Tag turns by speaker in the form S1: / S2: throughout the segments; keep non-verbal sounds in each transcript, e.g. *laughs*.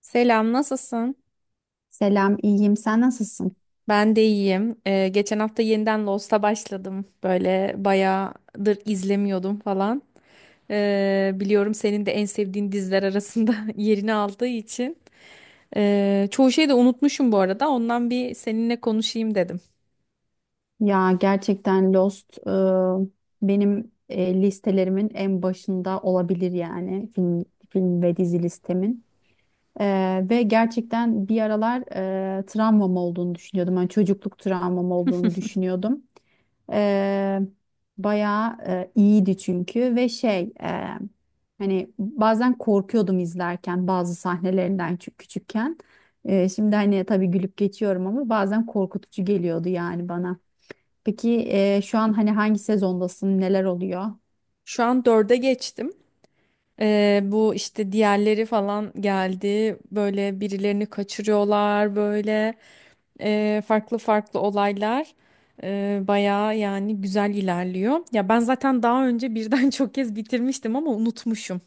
S1: Selam, nasılsın?
S2: Selam, iyiyim. Sen nasılsın?
S1: Ben de iyiyim. Geçen hafta yeniden Lost'a başladım. Böyle bayağıdır izlemiyordum falan. Biliyorum senin de en sevdiğin diziler arasında *laughs* yerini aldığı için. Çoğu şeyi de unutmuşum bu arada. Ondan bir seninle konuşayım dedim.
S2: Ya gerçekten Lost benim listelerimin en başında olabilir yani film, film ve dizi listemin. Ve gerçekten bir aralar travmam olduğunu düşünüyordum. Hani çocukluk travmam olduğunu düşünüyordum. Ee, Bayağı iyiydi çünkü ve hani bazen korkuyordum izlerken bazı sahnelerinden çünkü küçükken. Şimdi hani tabii gülüp geçiyorum ama bazen korkutucu geliyordu yani bana. Peki şu an hani hangi sezondasın? Neler oluyor?
S1: Şu an dörde geçtim. Bu işte diğerleri falan geldi. Böyle birilerini kaçırıyorlar böyle. Farklı farklı olaylar bayağı yani güzel ilerliyor. Ya ben zaten daha önce birden *laughs* çok kez bitirmiştim ama unutmuşum.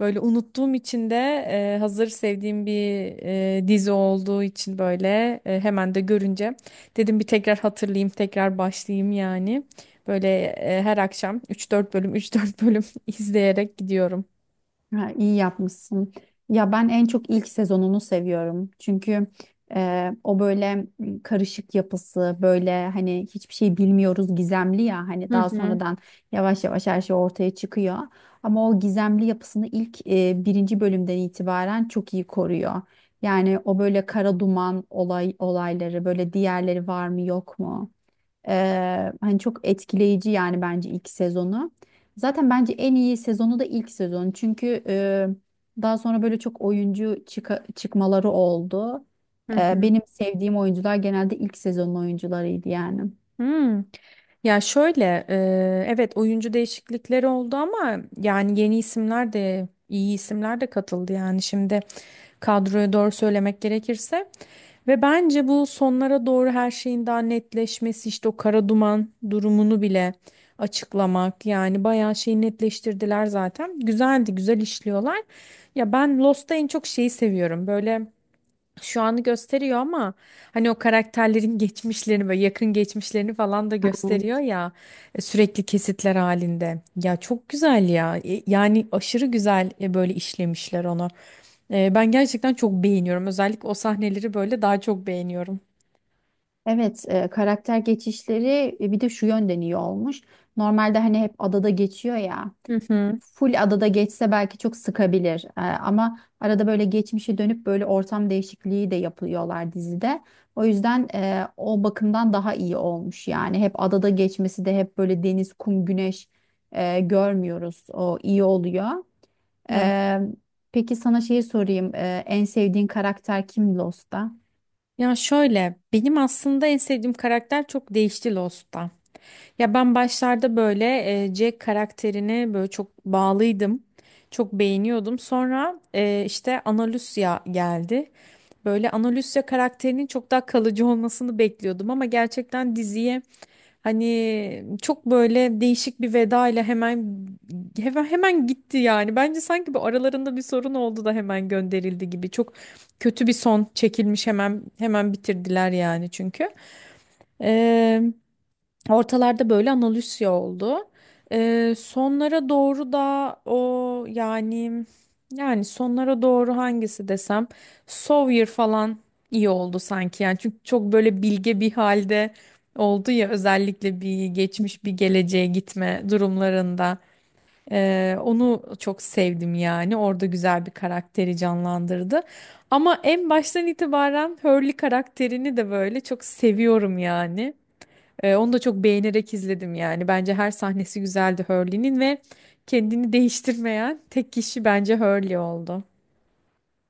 S1: Böyle unuttuğum için de hazır sevdiğim bir dizi olduğu için böyle hemen de görünce dedim bir tekrar hatırlayayım, tekrar başlayayım yani. Böyle her akşam üç dört bölüm üç dört bölüm *laughs* izleyerek gidiyorum.
S2: Ha, iyi yapmışsın. Ya ben en çok ilk sezonunu seviyorum. Çünkü o böyle karışık yapısı, böyle hani hiçbir şey bilmiyoruz gizemli ya. Hani
S1: Hı
S2: daha
S1: hı.
S2: sonradan yavaş yavaş her şey ortaya çıkıyor. Ama o gizemli yapısını ilk birinci bölümden itibaren çok iyi koruyor. Yani o böyle kara duman olay olayları, böyle diğerleri var mı yok mu? Hani çok etkileyici yani bence ilk sezonu. Zaten bence en iyi sezonu da ilk sezonu. Çünkü daha sonra böyle çok oyuncu çıkmaları oldu.
S1: Hı hı.
S2: Benim sevdiğim oyuncular genelde ilk sezonun oyuncularıydı yani.
S1: Hmm. Ya şöyle, evet oyuncu değişiklikleri oldu ama yani yeni isimler de iyi isimler de katıldı yani şimdi kadroya doğru söylemek gerekirse ve bence bu sonlara doğru her şeyin daha netleşmesi işte o kara duman durumunu bile açıklamak yani bayağı şeyi netleştirdiler zaten güzeldi güzel işliyorlar ya ben Lost'ta en çok şeyi seviyorum böyle şu anı gösteriyor ama hani o karakterlerin *laughs* geçmişlerini böyle yakın geçmişlerini falan da gösteriyor ya sürekli kesitler halinde. Ya çok güzel ya. Yani aşırı güzel böyle işlemişler onu. Ben gerçekten çok beğeniyorum. Özellikle o sahneleri böyle daha çok beğeniyorum.
S2: Evet, karakter geçişleri bir de şu yönden iyi olmuş. Normalde hani hep adada geçiyor ya.
S1: Hı hı.
S2: Full adada geçse belki çok sıkabilir. Ama arada böyle geçmişe dönüp böyle ortam değişikliği de yapıyorlar dizide. O yüzden o bakımdan daha iyi olmuş. Yani hep adada geçmesi de hep böyle deniz, kum, güneş görmüyoruz. O iyi oluyor.
S1: Evet.
S2: Ee, peki sana şeyi sorayım. En sevdiğin karakter kim Lost'ta?
S1: Ya şöyle benim aslında en sevdiğim karakter çok değişti Lost'ta. Ya ben başlarda böyle Jack karakterine böyle çok bağlıydım. Çok beğeniyordum. Sonra işte Ana Lucia geldi. Böyle Ana Lucia karakterinin çok daha kalıcı olmasını bekliyordum ama gerçekten diziye hani çok böyle değişik bir veda ile hemen hemen gitti yani. Bence sanki bu aralarında bir sorun oldu da hemen gönderildi gibi. Çok kötü bir son çekilmiş hemen hemen bitirdiler yani çünkü. Ortalarda böyle analüsya oldu. Sonlara doğru da o yani sonlara doğru hangisi desem Sawyer falan iyi oldu sanki yani çünkü çok böyle bilge bir halde oldu ya özellikle bir geçmiş bir geleceğe gitme durumlarında. Onu çok sevdim yani orada güzel bir karakteri canlandırdı. Ama en baştan itibaren Hurley karakterini de böyle çok seviyorum yani. Onu da çok beğenerek izledim yani. Bence her sahnesi güzeldi Hurley'nin ve kendini değiştirmeyen tek kişi bence Hurley oldu.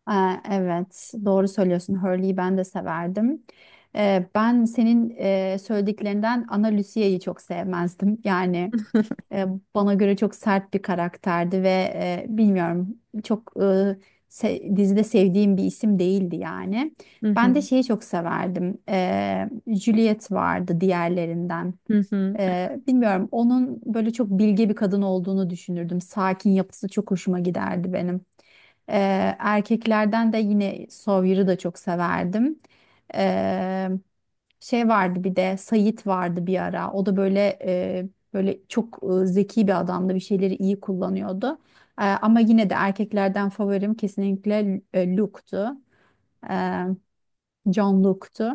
S2: Aa, evet, doğru söylüyorsun. Hurley'i ben de severdim. Ben senin söylediklerinden Ana Lucia'yı çok sevmezdim. Yani e, bana göre çok sert bir karakterdi ve bilmiyorum çok dizide sevdiğim bir isim değildi yani.
S1: Hı hı.
S2: Ben de şeyi çok severdim. Juliet vardı diğerlerinden.
S1: Hı hı.
S2: Bilmiyorum onun böyle çok bilge bir kadın olduğunu düşünürdüm. Sakin yapısı çok hoşuma giderdi benim. Erkeklerden de yine Sawyer'ı da çok severdim. Ee, Şey vardı bir de Sayit vardı bir ara. O da böyle böyle çok zeki bir adamdı. Bir şeyleri iyi kullanıyordu. Ama yine de erkeklerden favorim kesinlikle Luke'tu. Ee, John Luke'tu.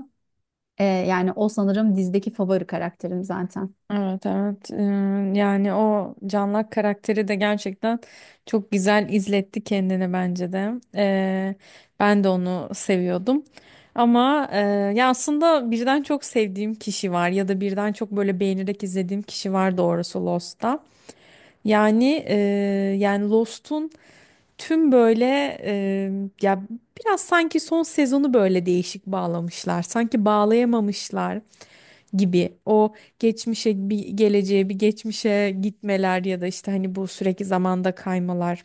S2: Yani o sanırım dizdeki favori karakterim zaten.
S1: Evet evet. Yani o Canlak karakteri de gerçekten çok güzel izletti kendini bence de. Ben de onu seviyordum. Ama ya aslında birden çok sevdiğim kişi var ya da birden çok böyle beğenerek izlediğim kişi var doğrusu Lost'ta. Yani Lost'un tüm böyle e, ya biraz sanki son sezonu böyle değişik bağlamışlar. Sanki bağlayamamışlar gibi. O geçmişe bir geleceğe bir geçmişe gitmeler ya da işte hani bu sürekli zamanda kaymalar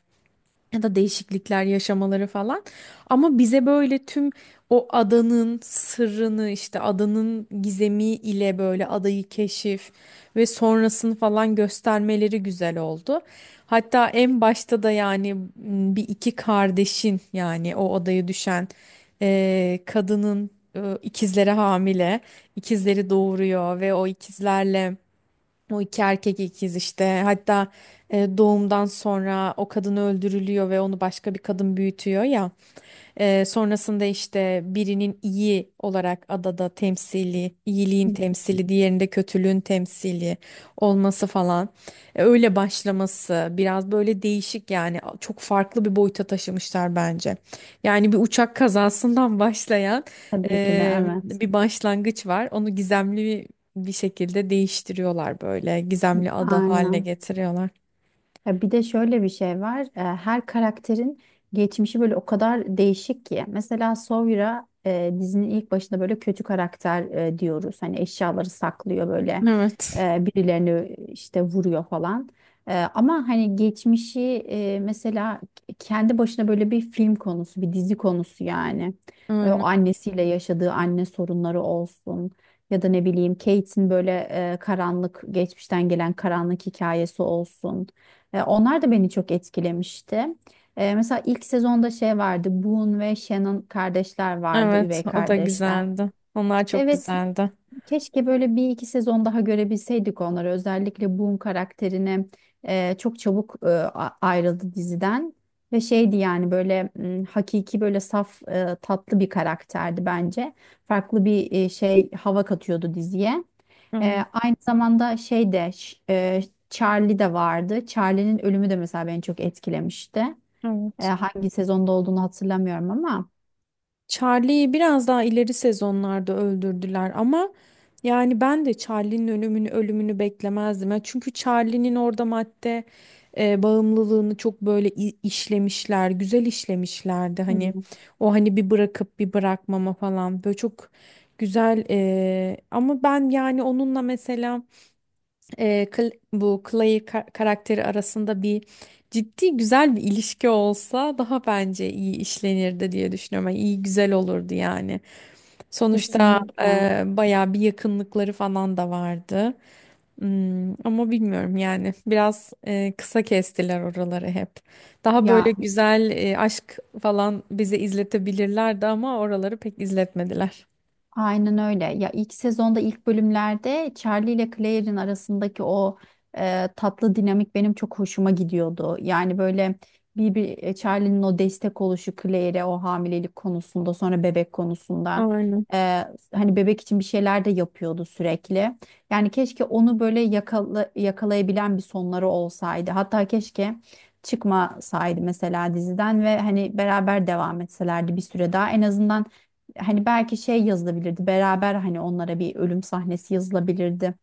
S1: ya da değişiklikler yaşamaları falan. Ama bize böyle tüm o adanın sırrını işte adanın gizemi ile böyle adayı keşif ve sonrasını falan göstermeleri güzel oldu. Hatta en başta da yani bir iki kardeşin yani o adaya düşen kadının ikizleri hamile, ikizleri doğuruyor ve o ikizlerle o iki erkek ikiz işte. Hatta doğumdan sonra o kadın öldürülüyor ve onu başka bir kadın büyütüyor ya. Sonrasında işte birinin iyi olarak adada temsili, iyiliğin temsili, diğerinde kötülüğün temsili olması falan. Öyle başlaması biraz böyle değişik yani çok farklı bir boyuta taşımışlar bence. Yani bir uçak kazasından *laughs* başlayan
S2: Tabii ki de evet.
S1: bir başlangıç var. Onu gizemli bir şekilde değiştiriyorlar böyle gizemli ada haline
S2: Aynen.
S1: getiriyorlar.
S2: Ya bir de şöyle bir şey var. Her karakterin geçmişi böyle o kadar değişik ki. Mesela Sawyer dizinin ilk başında böyle kötü karakter diyoruz. Hani eşyaları saklıyor böyle
S1: Evet.
S2: birilerini işte vuruyor falan. Ama hani geçmişi mesela kendi başına böyle bir film konusu, bir dizi konusu yani.
S1: Aynen.
S2: O annesiyle yaşadığı anne sorunları olsun. Ya da ne bileyim Kate'in böyle karanlık geçmişten gelen karanlık hikayesi olsun. Onlar da beni çok etkilemişti. Mesela ilk sezonda şey vardı. Boone ve Shannon kardeşler vardı,
S1: Evet,
S2: üvey
S1: o da
S2: kardeşler.
S1: güzeldi. Onlar çok
S2: Evet,
S1: güzeldi.
S2: keşke böyle bir iki sezon daha görebilseydik onları. Özellikle Boone karakterine çok çabuk ayrıldı diziden. Ve şeydi yani böyle hakiki böyle saf tatlı bir karakterdi bence. Farklı bir şey hava katıyordu diziye. E,
S1: Aynen.
S2: Aynı zamanda şey de Charlie de vardı. Charlie'nin ölümü de mesela beni çok etkilemişti.
S1: Evet.
S2: Hangi sezonda olduğunu hatırlamıyorum ama.
S1: Charlie'yi biraz daha ileri sezonlarda öldürdüler ama yani ben de Charlie'nin ölümünü beklemezdim. Ya çünkü Charlie'nin orada madde bağımlılığını çok böyle işlemişler, güzel işlemişlerdi. Hani
S2: Hmm,
S1: o hani bir bırakıp bir bırakmama falan böyle çok güzel ama ben yani onunla mesela bu Clay karakteri arasında bir ciddi güzel bir ilişki olsa daha bence iyi işlenirdi diye düşünüyorum. Yani iyi güzel olurdu yani. Sonuçta
S2: kesinlikle.
S1: bayağı bir yakınlıkları falan da vardı. Ama bilmiyorum yani biraz kısa kestiler oraları hep. Daha böyle
S2: Ya
S1: güzel aşk falan bize izletebilirlerdi ama oraları pek izletmediler.
S2: aynen öyle. Ya ilk sezonda ilk bölümlerde Charlie ile Claire'in arasındaki o tatlı dinamik benim çok hoşuma gidiyordu. Yani böyle bir Charlie'nin o destek oluşu Claire'e o hamilelik konusunda sonra bebek konusunda
S1: Aynen.
S2: e, hani bebek için bir şeyler de yapıyordu sürekli. Yani keşke onu böyle yakalayabilen bir sonları olsaydı. Hatta keşke çıkmasaydı mesela diziden ve hani beraber devam etselerdi bir süre daha en azından. Hani belki şey yazılabilirdi beraber hani onlara bir ölüm sahnesi yazılabilirdi.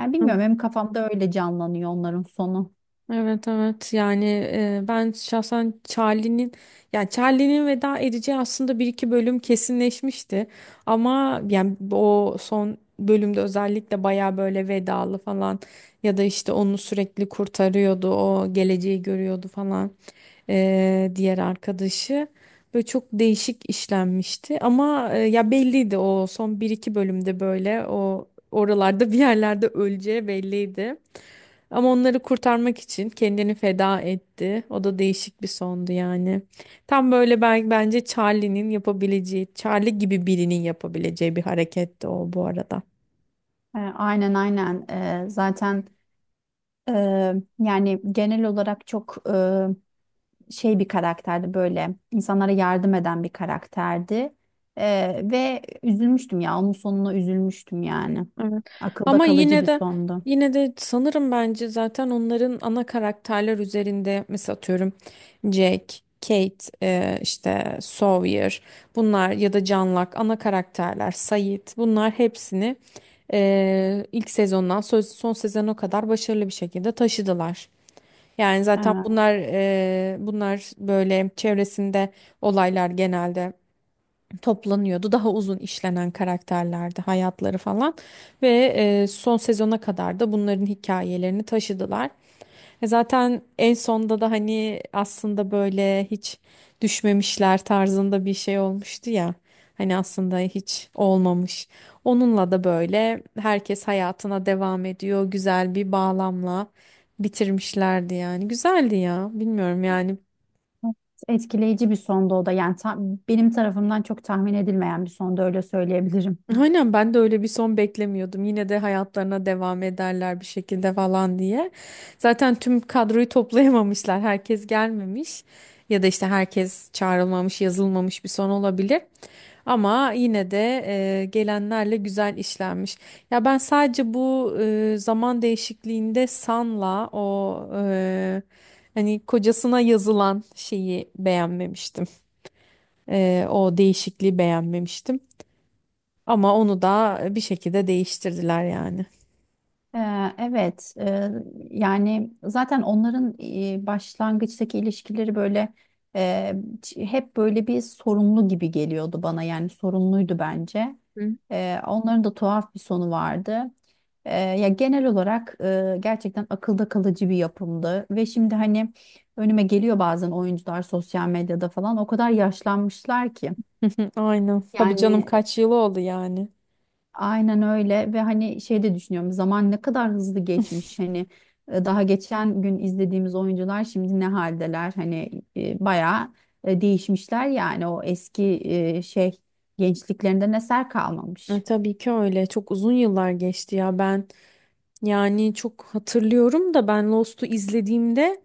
S2: Yani bilmiyorum benim kafamda öyle canlanıyor onların sonu.
S1: Evet evet yani ben şahsen Charlie'nin yani Charlie'nin veda edeceği aslında bir iki bölüm kesinleşmişti ama yani o son bölümde özellikle baya böyle vedalı falan ya da işte onu sürekli kurtarıyordu o geleceği görüyordu falan diğer arkadaşı böyle çok değişik işlenmişti ama ya belliydi o son bir iki bölümde böyle o oralarda bir yerlerde öleceği belliydi. Ama onları kurtarmak için kendini feda etti. O da değişik bir sondu yani. Tam böyle ben, bence Charlie'nin yapabileceği, Charlie gibi birinin yapabileceği bir hareketti o bu arada.
S2: Aynen. Zaten e, yani genel olarak çok şey bir karakterdi böyle insanlara yardım eden bir karakterdi. Ve üzülmüştüm ya onun sonuna üzülmüştüm yani.
S1: Evet.
S2: Akılda
S1: Ama
S2: kalıcı
S1: yine
S2: bir
S1: de
S2: sondu.
S1: Yine de sanırım bence zaten onların ana karakterler üzerinde mesela atıyorum Jack, Kate, işte Sawyer bunlar ya da John ana karakterler, Sayit, bunlar hepsini ilk sezondan son sezona kadar başarılı bir şekilde taşıdılar. Yani zaten
S2: Evet.
S1: bunlar böyle çevresinde olaylar genelde toplanıyordu. Daha uzun işlenen karakterlerdi hayatları falan ve son sezona kadar da bunların hikayelerini taşıdılar. Zaten en sonda da hani aslında böyle hiç düşmemişler tarzında bir şey olmuştu ya. Hani aslında hiç olmamış. Onunla da böyle herkes hayatına devam ediyor. Güzel bir bağlamla bitirmişlerdi yani. Güzeldi ya. Bilmiyorum yani.
S2: Etkileyici bir sondu o da yani benim tarafımdan çok tahmin edilmeyen bir sondu öyle söyleyebilirim.
S1: Aynen ben de öyle bir son beklemiyordum. Yine de hayatlarına devam ederler bir şekilde falan diye. Zaten tüm kadroyu toplayamamışlar. Herkes gelmemiş ya da işte herkes çağrılmamış, yazılmamış bir son olabilir. Ama yine de gelenlerle güzel işlenmiş. Ya ben sadece bu zaman değişikliğinde San'la o hani kocasına yazılan şeyi beğenmemiştim. O değişikliği beğenmemiştim. Ama onu da bir şekilde değiştirdiler yani.
S2: Evet, yani zaten onların başlangıçtaki ilişkileri böyle e, hep böyle bir sorunlu gibi geliyordu bana yani sorunluydu bence.
S1: Hı.
S2: Onların da tuhaf bir sonu vardı. Ya genel olarak gerçekten akılda kalıcı bir yapımdı ve şimdi hani önüme geliyor bazen oyuncular sosyal medyada falan o kadar yaşlanmışlar ki.
S1: *laughs* Aynen. Tabii canım
S2: Yani
S1: kaç yılı oldu yani.
S2: aynen öyle ve hani şey de düşünüyorum zaman ne kadar hızlı geçmiş hani daha geçen gün izlediğimiz oyuncular şimdi ne haldeler hani bayağı değişmişler yani o eski şey gençliklerinden eser
S1: E,
S2: kalmamış.
S1: tabii ki öyle. Çok uzun yıllar geçti ya. Ben yani çok hatırlıyorum da ben Lost'u izlediğimde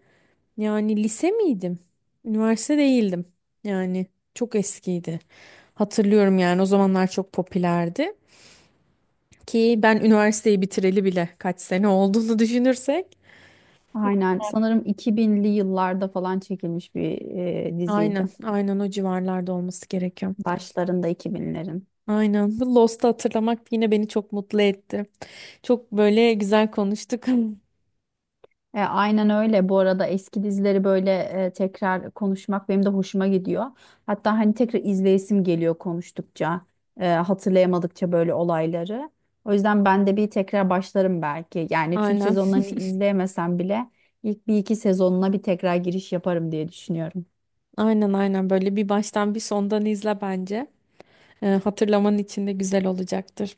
S1: yani lise miydim? Üniversite değildim. Yani çok eskiydi. Hatırlıyorum yani o zamanlar çok popülerdi. Ki ben üniversiteyi bitireli bile kaç sene olduğunu *laughs* düşünürsek.
S2: Aynen sanırım 2000'li yıllarda falan çekilmiş bir diziydi
S1: Aynen, aynen o civarlarda olması gerekiyor.
S2: başlarında 2000'lerin.
S1: Aynen. Bu Lost'u hatırlamak yine beni çok mutlu etti. Çok böyle güzel konuştuk. *laughs*
S2: Aynen öyle. Bu arada eski dizileri böyle tekrar konuşmak benim de hoşuma gidiyor. Hatta hani tekrar izleyesim geliyor konuştukça, hatırlayamadıkça böyle olayları. O yüzden ben de bir tekrar başlarım belki. Yani tüm
S1: Aynen.
S2: sezonlarını izleyemesem bile ilk bir iki sezonuna bir tekrar giriş yaparım diye düşünüyorum.
S1: Aynen aynen. Böyle bir baştan bir sondan izle bence. Hatırlaman için de güzel olacaktır.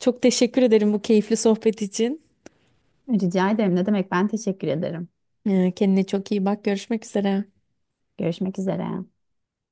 S1: Çok teşekkür ederim bu keyifli sohbet için.
S2: Rica ederim. Ne demek? Ben teşekkür ederim.
S1: Kendine çok iyi bak. Görüşmek üzere.
S2: Görüşmek üzere.